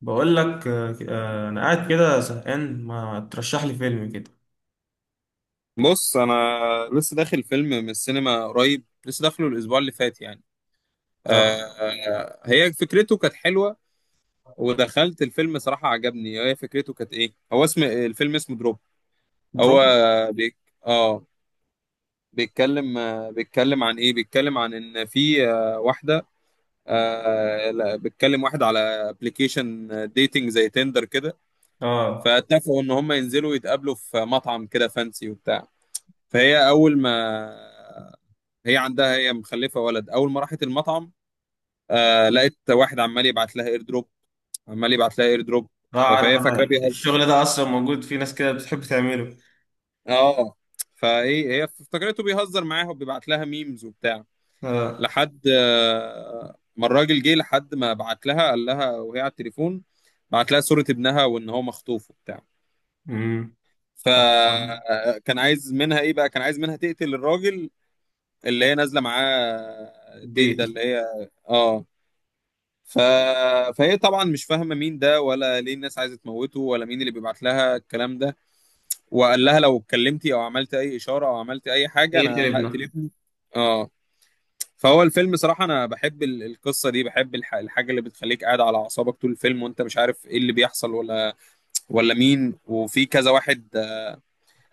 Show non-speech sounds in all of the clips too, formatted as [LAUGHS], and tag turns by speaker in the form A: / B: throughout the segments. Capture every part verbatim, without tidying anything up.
A: بقول لك، آه، آه، انا قاعد كده زهقان، ما ترشح لي فيلم كده.
B: بص انا لسه داخل فيلم من السينما قريب، لسه داخله الاسبوع اللي فات يعني.
A: اه.
B: آه. آه، هي فكرته كانت حلوه. ودخلت الفيلم صراحه عجبني، هي فكرته كانت ايه، هو اسم الفيلم اسمه دروب. هو
A: دراما.
B: بيك. اه بيتكلم آه، بيتكلم عن ايه، بيتكلم عن ان في آه، واحده. آه لا، بيتكلم واحد على ابلكيشن ديتنج زي تندر كده.
A: اه
B: فاتفقوا ان هم ينزلوا يتقابلوا في مطعم كده فانسي وبتاع. فهي اول ما هي عندها، هي مخلفه ولد، اول ما راحت المطعم آه لقيت واحد عمال يبعت لها اير دروب، عمال يبعت لها اير دروب.
A: اه.
B: آه
A: عارف،
B: فهي
A: انا
B: فاكراه بيهزر.
A: الشغل ده اصلا موجود، في ناس كده بتحب تعمله.
B: اه فايه هي افتكرته بيهزر معاها وبيبعت لها ميمز وبتاع،
A: اه.
B: لحد آه ما الراجل جه، لحد ما بعت لها، قال لها وهي على التليفون، بعت لها صورة ابنها وان هو مخطوف وبتاع.
A: امم.
B: فكان عايز منها ايه بقى، كان عايز منها تقتل الراجل اللي هي نازله معاه، الديت ده
A: بيت.
B: اللي هي. اه ف... فهي طبعا مش فاهمه مين ده، ولا ليه الناس عايزه تموته، ولا مين اللي بيبعت لها الكلام ده. وقال لها لو اتكلمتي او عملت اي اشاره او عملت اي حاجه
A: ايه
B: انا هقتل
A: تلبنا.
B: ابني. اه فهو الفيلم صراحه انا بحب ال- القصه دي، بحب الح... الحاجه اللي بتخليك قاعد على اعصابك طول الفيلم وانت مش عارف ايه اللي بيحصل ولا ولا مين، وفي كذا واحد.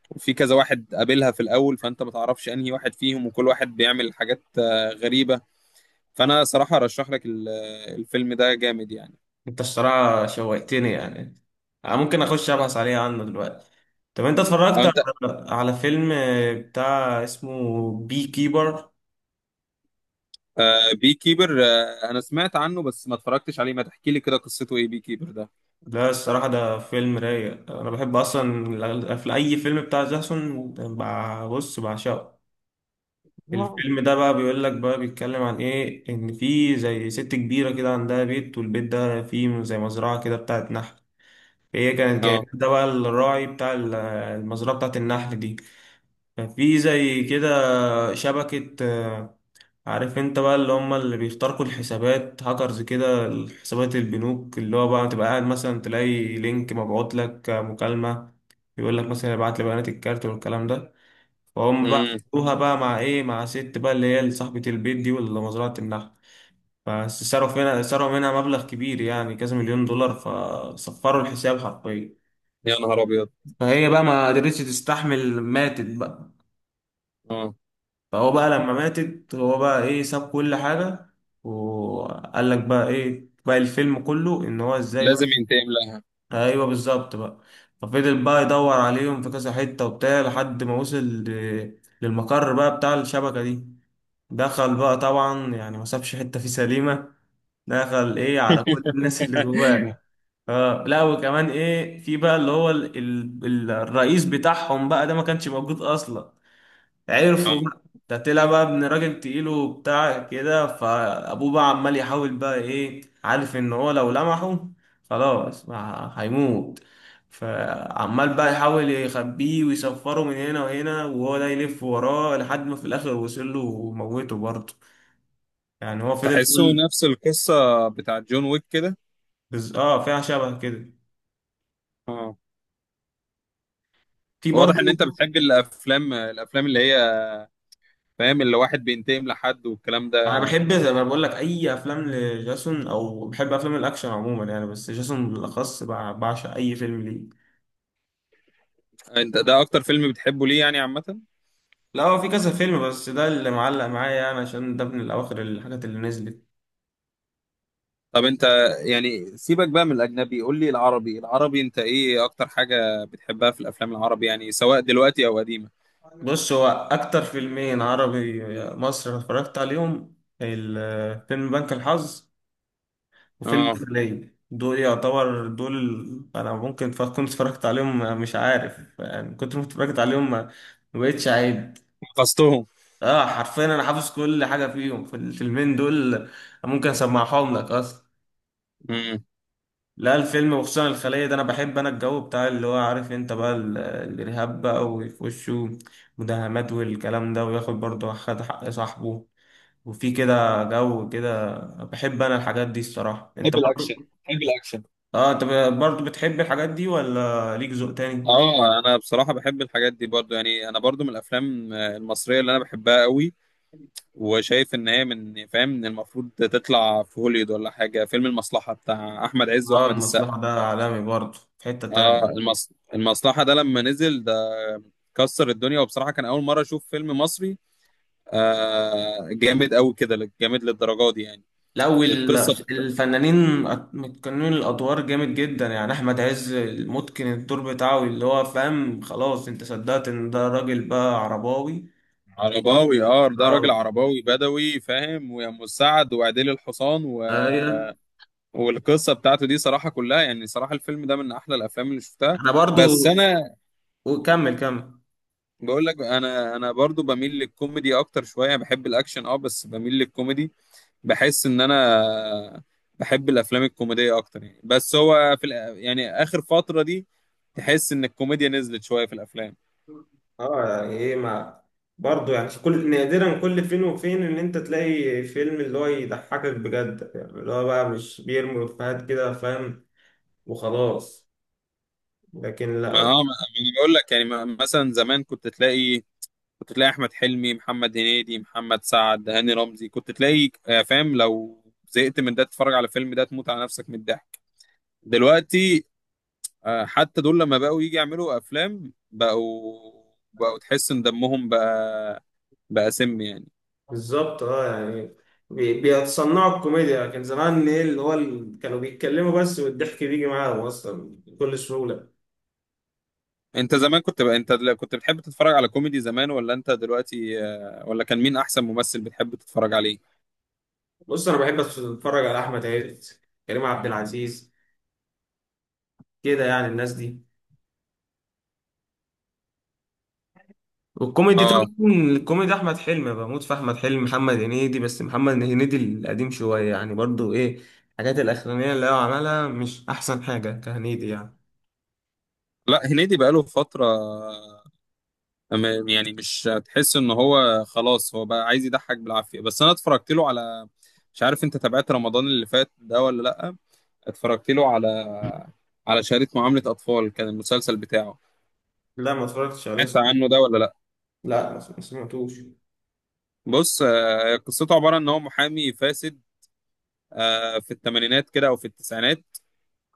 B: وفي كذا واحد قابلها في الاول، فانت ما تعرفش انهي واحد فيهم، وكل واحد بيعمل حاجات آه، غريبه. فانا صراحه ارشح لك ال- الفيلم ده جامد يعني.
A: انت الصراحه شوقتني يعني. آه، ممكن اخش ابحث عليه عنه دلوقتي. طب انت اتفرجت
B: انت.
A: على على فيلم آه، بتاع اسمه بي كيبر؟
B: آه بي كيبر، آه انا سمعت عنه بس ما اتفرجتش عليه، ما تحكي لي كده قصته ايه بي كيبر ده.
A: لا، الصراحة ده فيلم رايق. أنا بحب أصلا الأغل- في أي فيلم بتاع جاسون، بع- بص بعشقه.
B: [LAUGHS] آه.
A: الفيلم ده بقى بيقول لك، بقى بيتكلم عن ايه، ان في زي ست كبيره كده عندها بيت، والبيت ده فيه زي مزرعه كده بتاعت نحل. هي كانت مم. جايبه
B: اه.
A: ده بقى الراعي بتاع ال- المزرعه بتاعت النحل دي. ففي زي كده شبكه، آه، عارف انت بقى، اللي هم اللي بيخترقوا الحسابات، هاكرز كده. حسابات البنوك، اللي هو بقى تبقى قاعد مثلا تلاقي لينك مبعوت لك، آه، مكالمه. يقول لك مثلا: ابعت لي بيانات الكارت والكلام ده. فهم بقى
B: امم.
A: عملوها بقى مع ايه، مع ست بقى اللي هي صاحبة البيت دي واللي مزرعة النحل. بس صرفوا منها صرفوا منها مبلغ كبير يعني كذا مليون دولار، فصفروا الحساب حرفيا.
B: يا نهار ابيض.
A: فهي بقى ما قدرتش تستحمل، ماتت بقى.
B: اه
A: فهو بقى لما ماتت، هو بقى ايه، ساب كل حاجة. وقال لك بقى ايه، بقى الفيلم كله ان هو ازاي
B: لازم
A: بقى.
B: ينتقم لها.
A: ايوه، بالظبط بقى. ففضل بقى يدور عليهم في كذا حتة وبتاع، لحد ما وصل ل- للمقر بقى بتاع الشبكة دي. دخل بقى طبعا يعني، ما سابش حته فيه سليمه. دخل ايه على كل الناس اللي
B: [LAUGHS]
A: جواه. اه لا، وكمان ايه، في بقى اللي هو ال ال الرئيس بتاعهم بقى ده ما كانش موجود اصلا. عرفوا
B: اه
A: بقى ده طلع بقى ابن راجل تقيل وبتاع كده، فابوه بقى عمال يحاول بقى ايه، عارف ان هو لو لمحه خلاص ما هيموت. فعمال بقى يحاول يخبيه ويسفره من هنا وهنا، وهو ده يلف وراه لحد ما في الاخر وصل له وموته برضه. يعني هو فضل
B: تحسه
A: يقول.
B: نفس القصة بتاعت جون ويك كده.
A: بز... اه، فيها شبه كده.
B: اه
A: في
B: فواضح ان
A: برضو.
B: انت بتحب الافلام، الافلام اللي هي فاهم، اللي واحد بينتقم لحد والكلام
A: انا
B: ده.
A: بحب زي ما بقول لك اي افلام لجاسون، او بحب افلام الاكشن عموما يعني، بس جاسون بالاخص بع- بعشق اي فيلم ليه.
B: انت ده اكتر فيلم بتحبه ليه يعني عامة؟
A: لا، هو في كذا فيلم، بس ده اللي معلق معايا يعني، عشان ده من الاواخر الحاجات اللي نزلت.
B: طب انت يعني سيبك بقى من الاجنبي، قول لي العربي، العربي انت ايه اكتر حاجة بتحبها في الافلام العربي يعني سواء دلوقتي او قديمة.
A: بص، هو اكتر فيلمين عربي مصر اتفرجت عليهم: الفيلم بنك الحظ، وفيلم
B: اه
A: الخلية. دول يعتبر دول ال- أنا ممكن ف- كنت اتفرجت عليهم، مش عارف يعني، كنت اتفرجت عليهم ما ما بقتش عيب.
B: حفظتهم.
A: اه، حرفيا أنا حافظ كل حاجة فيهم، في الفيلمين دول. ممكن أسمعهم لك أصلا.
B: امم.
A: لا، الفيلم وخصوصا الخلية ده، أنا بحب أنا الجو بتاع اللي هو، عارف أنت بقى ال- الإرهاب بقى، ويخشوا مداهمات والكلام ده، وياخد برضه خد حق صاحبه. وفي كده جو كده. بحب أنا الحاجات دي الصراحة، أنت
B: بحب الاكشن،
A: برضه؟
B: بحب الاكشن.
A: اه، انت ب- برضه بتحب الحاجات دي ولا ليك ذوق تاني؟
B: اه انا بصراحة بحب الحاجات دي برضو يعني، انا برضو من الافلام المصرية اللي انا بحبها قوي، وشايف ان هي من، فاهم، ان المفروض تطلع في هوليوود ولا حاجة، فيلم المصلحة بتاع احمد عز
A: اه،
B: واحمد السقا.
A: المصلحة ده عالمي برضه، في حتة
B: اه
A: تانية.
B: المص... المصلحة ده لما نزل ده كسر الدنيا، وبصراحة كان اول مرة اشوف فيلم مصري آه جامد قوي كده، جامد للدرجه دي يعني.
A: لا، وال-
B: القصه.
A: الفنانين أت- متقنين الادوار جامد جدا يعني. احمد عز متقن الدور بتاعه، اللي هو فاهم، خلاص انت صدقت ان ده راجل بقى عرباوي.
B: عرباوي. اه ده راجل
A: اه.
B: عرباوي بدوي فاهم، ويا ام السعد وعديل الحصان و...
A: أيوة.
B: والقصه بتاعته دي صراحه كلها يعني، صراحه الفيلم ده من احلى الافلام اللي شفتها.
A: انا
B: بس
A: برضه.
B: انا
A: وكمل كمل.
B: بقول لك، انا انا برضو بميل للكوميدي اكتر شويه، بحب الاكشن اه بس بميل للكوميدي. بحس ان انا بحب الافلام الكوميديه اكتر يعني، بس هو في الأ- يعني اخر فتره دي تحس ان الكوميديا نزلت شويه في الافلام.
A: اه يعني ايه ما، برضه يعني كل نادرا، كل فين وفين ان انت تلاقي فيلم اللي هو يضحكك بجد يعني، اللي هو بقى مش بيرمي افيهات كده فاهم، وخلاص. لكن
B: ما اه
A: لا.
B: ما ما انا بقول لك يعني، ما- مثلا زمان كنت تلاقي، كنت تلاقي احمد حلمي، محمد هنيدي، محمد سعد، هاني رمزي، كنت تلاقي، آه، فاهم، لو زهقت من ده تتفرج على فيلم ده تموت على نفسك من الضحك. دلوقتي آه، حتى دول لما بقوا يجي يعملوا افلام بقوا، بقوا تحس ان دمهم بقى، بقى سم يعني.
A: بالظبط، اه يعني، بي- بيتصنعوا الكوميديا، لكن زمان ايه اللي هو ال- كانوا بيتكلموا بس والضحك بيجي معاهم اصلا بكل سهولة.
B: انت زمان كنت بقى انت دل- كنت بتحب تتفرج على كوميدي زمان ولا انت دلوقتي، آه، ولا كان مين احسن ممثل بتحب تتفرج عليه؟
A: بص، انا بحب اتفرج على احمد عز، كريم عبد العزيز، كده يعني الناس دي. والكوميدي
B: اه
A: طبعا، الكوميدي احمد حلمي، بموت في احمد حلمي، محمد هنيدي، بس محمد هنيدي القديم شويه يعني، برضو ايه الحاجات الاخرانيه اللي هو عملها، مش احسن حاجه كهنيدي يعني.
B: لا هنيدي بقاله فترة، أما- يعني مش هتحس ان هو خلاص هو بقى عايز يضحك بالعافيه، بس انا اتفرجت له على، مش عارف انت تابعت رمضان اللي فات ده ولا لا، اتفرجت له على، على شهاده معامله اطفال كان المسلسل بتاعه.
A: لا، ما اتفرجتش عليه.
B: سمعت عنه ده ولا لا؟
A: لا، ما سمعتوش.
B: بص آه، قصته عباره ان هو محامي فاسد آه، في الثمانينات كده او في التسعينات،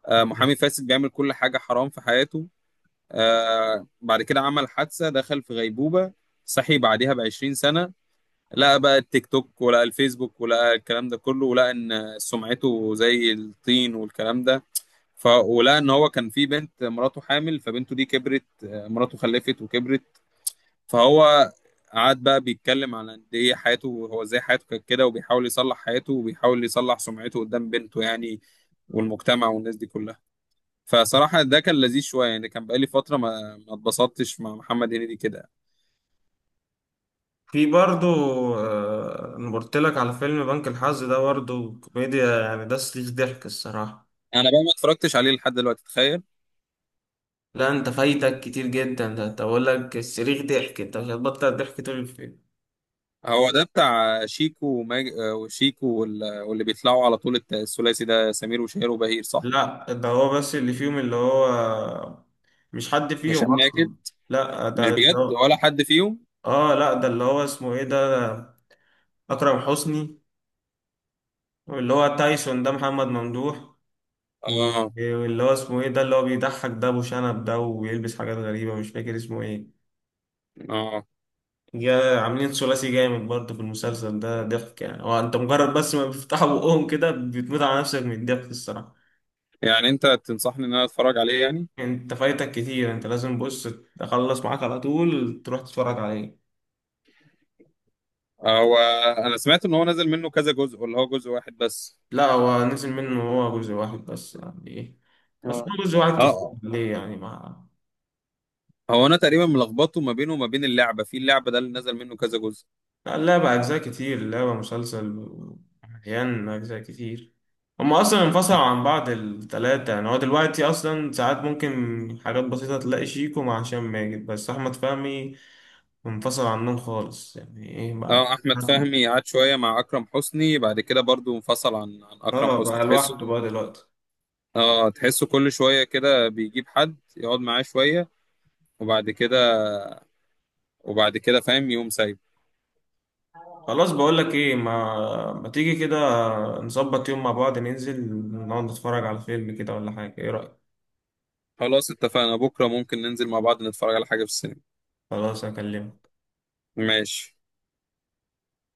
B: آه، محامي
A: تمام.
B: فاسد بيعمل كل حاجه حرام في حياته. آه، بعد كده عمل حادثه دخل في غيبوبه، صحي بعدها ب عشرين سنه، لقى بقى التيك توك ولقى الفيسبوك ولقى الكلام ده كله، ولقى ان سمعته زي الطين والكلام ده. ف ولقى ان هو كان في بنت، مراته حامل، فبنته دي كبرت آه، مراته خلفت وكبرت. فهو قعد بقى بيتكلم على قد ايه حياته، هو ازاي حياته كانت كده، وبيحاول يصلح حياته، وبيحاول يصلح سمعته قدام بنته يعني، والمجتمع والناس دي كلها. فصراحة ده كان لذيذ شوية يعني، كان بقالي فترة ما ما اتبسطتش مع محمد هنيدي كده.
A: في برضو، آه، انا قلت لك على فيلم بنك الحظ ده، برضو كوميديا يعني، ده صريخ ضحك الصراحه.
B: أنا بقى ما اتفرجتش عليه لحد دلوقتي، تخيل.
A: لا، انت فايتك كتير جدا، ده انت بقول لك صريخ ضحك، انت مش هتبطل ضحك طول الفيلم.
B: هو ده بتاع شيكو وماج... آه، وشيكو وال... واللي بيطلعوا على طول، الت- الثلاثي ده سمير وشهير وبهير صح؟
A: لا، ده هو بس اللي فيهم، اللي هو مش حد فيهم
B: هشام ماجد؟
A: اصلا. لا،
B: مش
A: ده اللي
B: بجد
A: هو.
B: ولا حد فيهم؟
A: اه لا، ده اللي هو اسمه ايه ده، اكرم حسني. واللي هو تايسون ده محمد ممدوح. و-
B: اه.
A: واللي هو اسمه ايه ده، اللي هو بيضحك ده ابو شنب ده وبيلبس حاجات غريبة، مش فاكر اسمه ايه.
B: اه.
A: جا عاملين ثلاثي جامد برضه، في المسلسل ده ضحك يعني، هو انت مجرد بس ما بيفتحوا بقهم كده بتموت على نفسك من الضحك الصراحة.
B: يعني انت تنصحني ان انا اتفرج عليه يعني؟
A: انت فايتك كتير، انت لازم، بص، تخلص معاك على طول تروح تتفرج عليه.
B: آه، هو انا سمعت ان هو نزل منه كذا جزء، ولا هو جزء واحد بس؟
A: لا، هو نزل منه هو جزء واحد بس، يعني ايه. بس
B: آه.
A: هو جزء واحد، كتير
B: اه
A: ليه يعني ما.
B: هو انا تقريبا ملخبطه ما بينه وما بين اللعبه، في اللعبه ده اللي نزل منه كذا جزء.
A: لا، اللعبة أجزاء كتير، اللعبة مسلسل مليان أجزاء كتير. هما أصلا انفصلوا عن بعض التلاتة يعني، هو دلوقتي أصلا ساعات ممكن حاجات بسيطة تلاقي شيكو مع هشام ماجد بس، أحمد فهمي انفصل عنهم خالص يعني ايه بقى.
B: اه احمد
A: [LAUGHS]
B: فهمي قعد شويه مع اكرم حسني، بعد كده برضو انفصل عن عن اكرم
A: اه،
B: حسني،
A: بقى لوحده
B: تحسه.
A: بقى دلوقتي.
B: اه تحسه كل شوية كده بيجيب حد يقعد معاه شوية، وبعد كده، وبعد كده فاهم يقوم سايب.
A: خلاص، بقولك ايه، ما ما تيجي كده، نظبط يوم مع بعض، ننزل نقعد نتفرج على فيلم كده ولا حاجة، ايه رأيك؟
B: خلاص اتفقنا، بكرة ممكن ننزل مع بعض نتفرج على حاجة في السينما.
A: خلاص، اكلمك.
B: ماشي.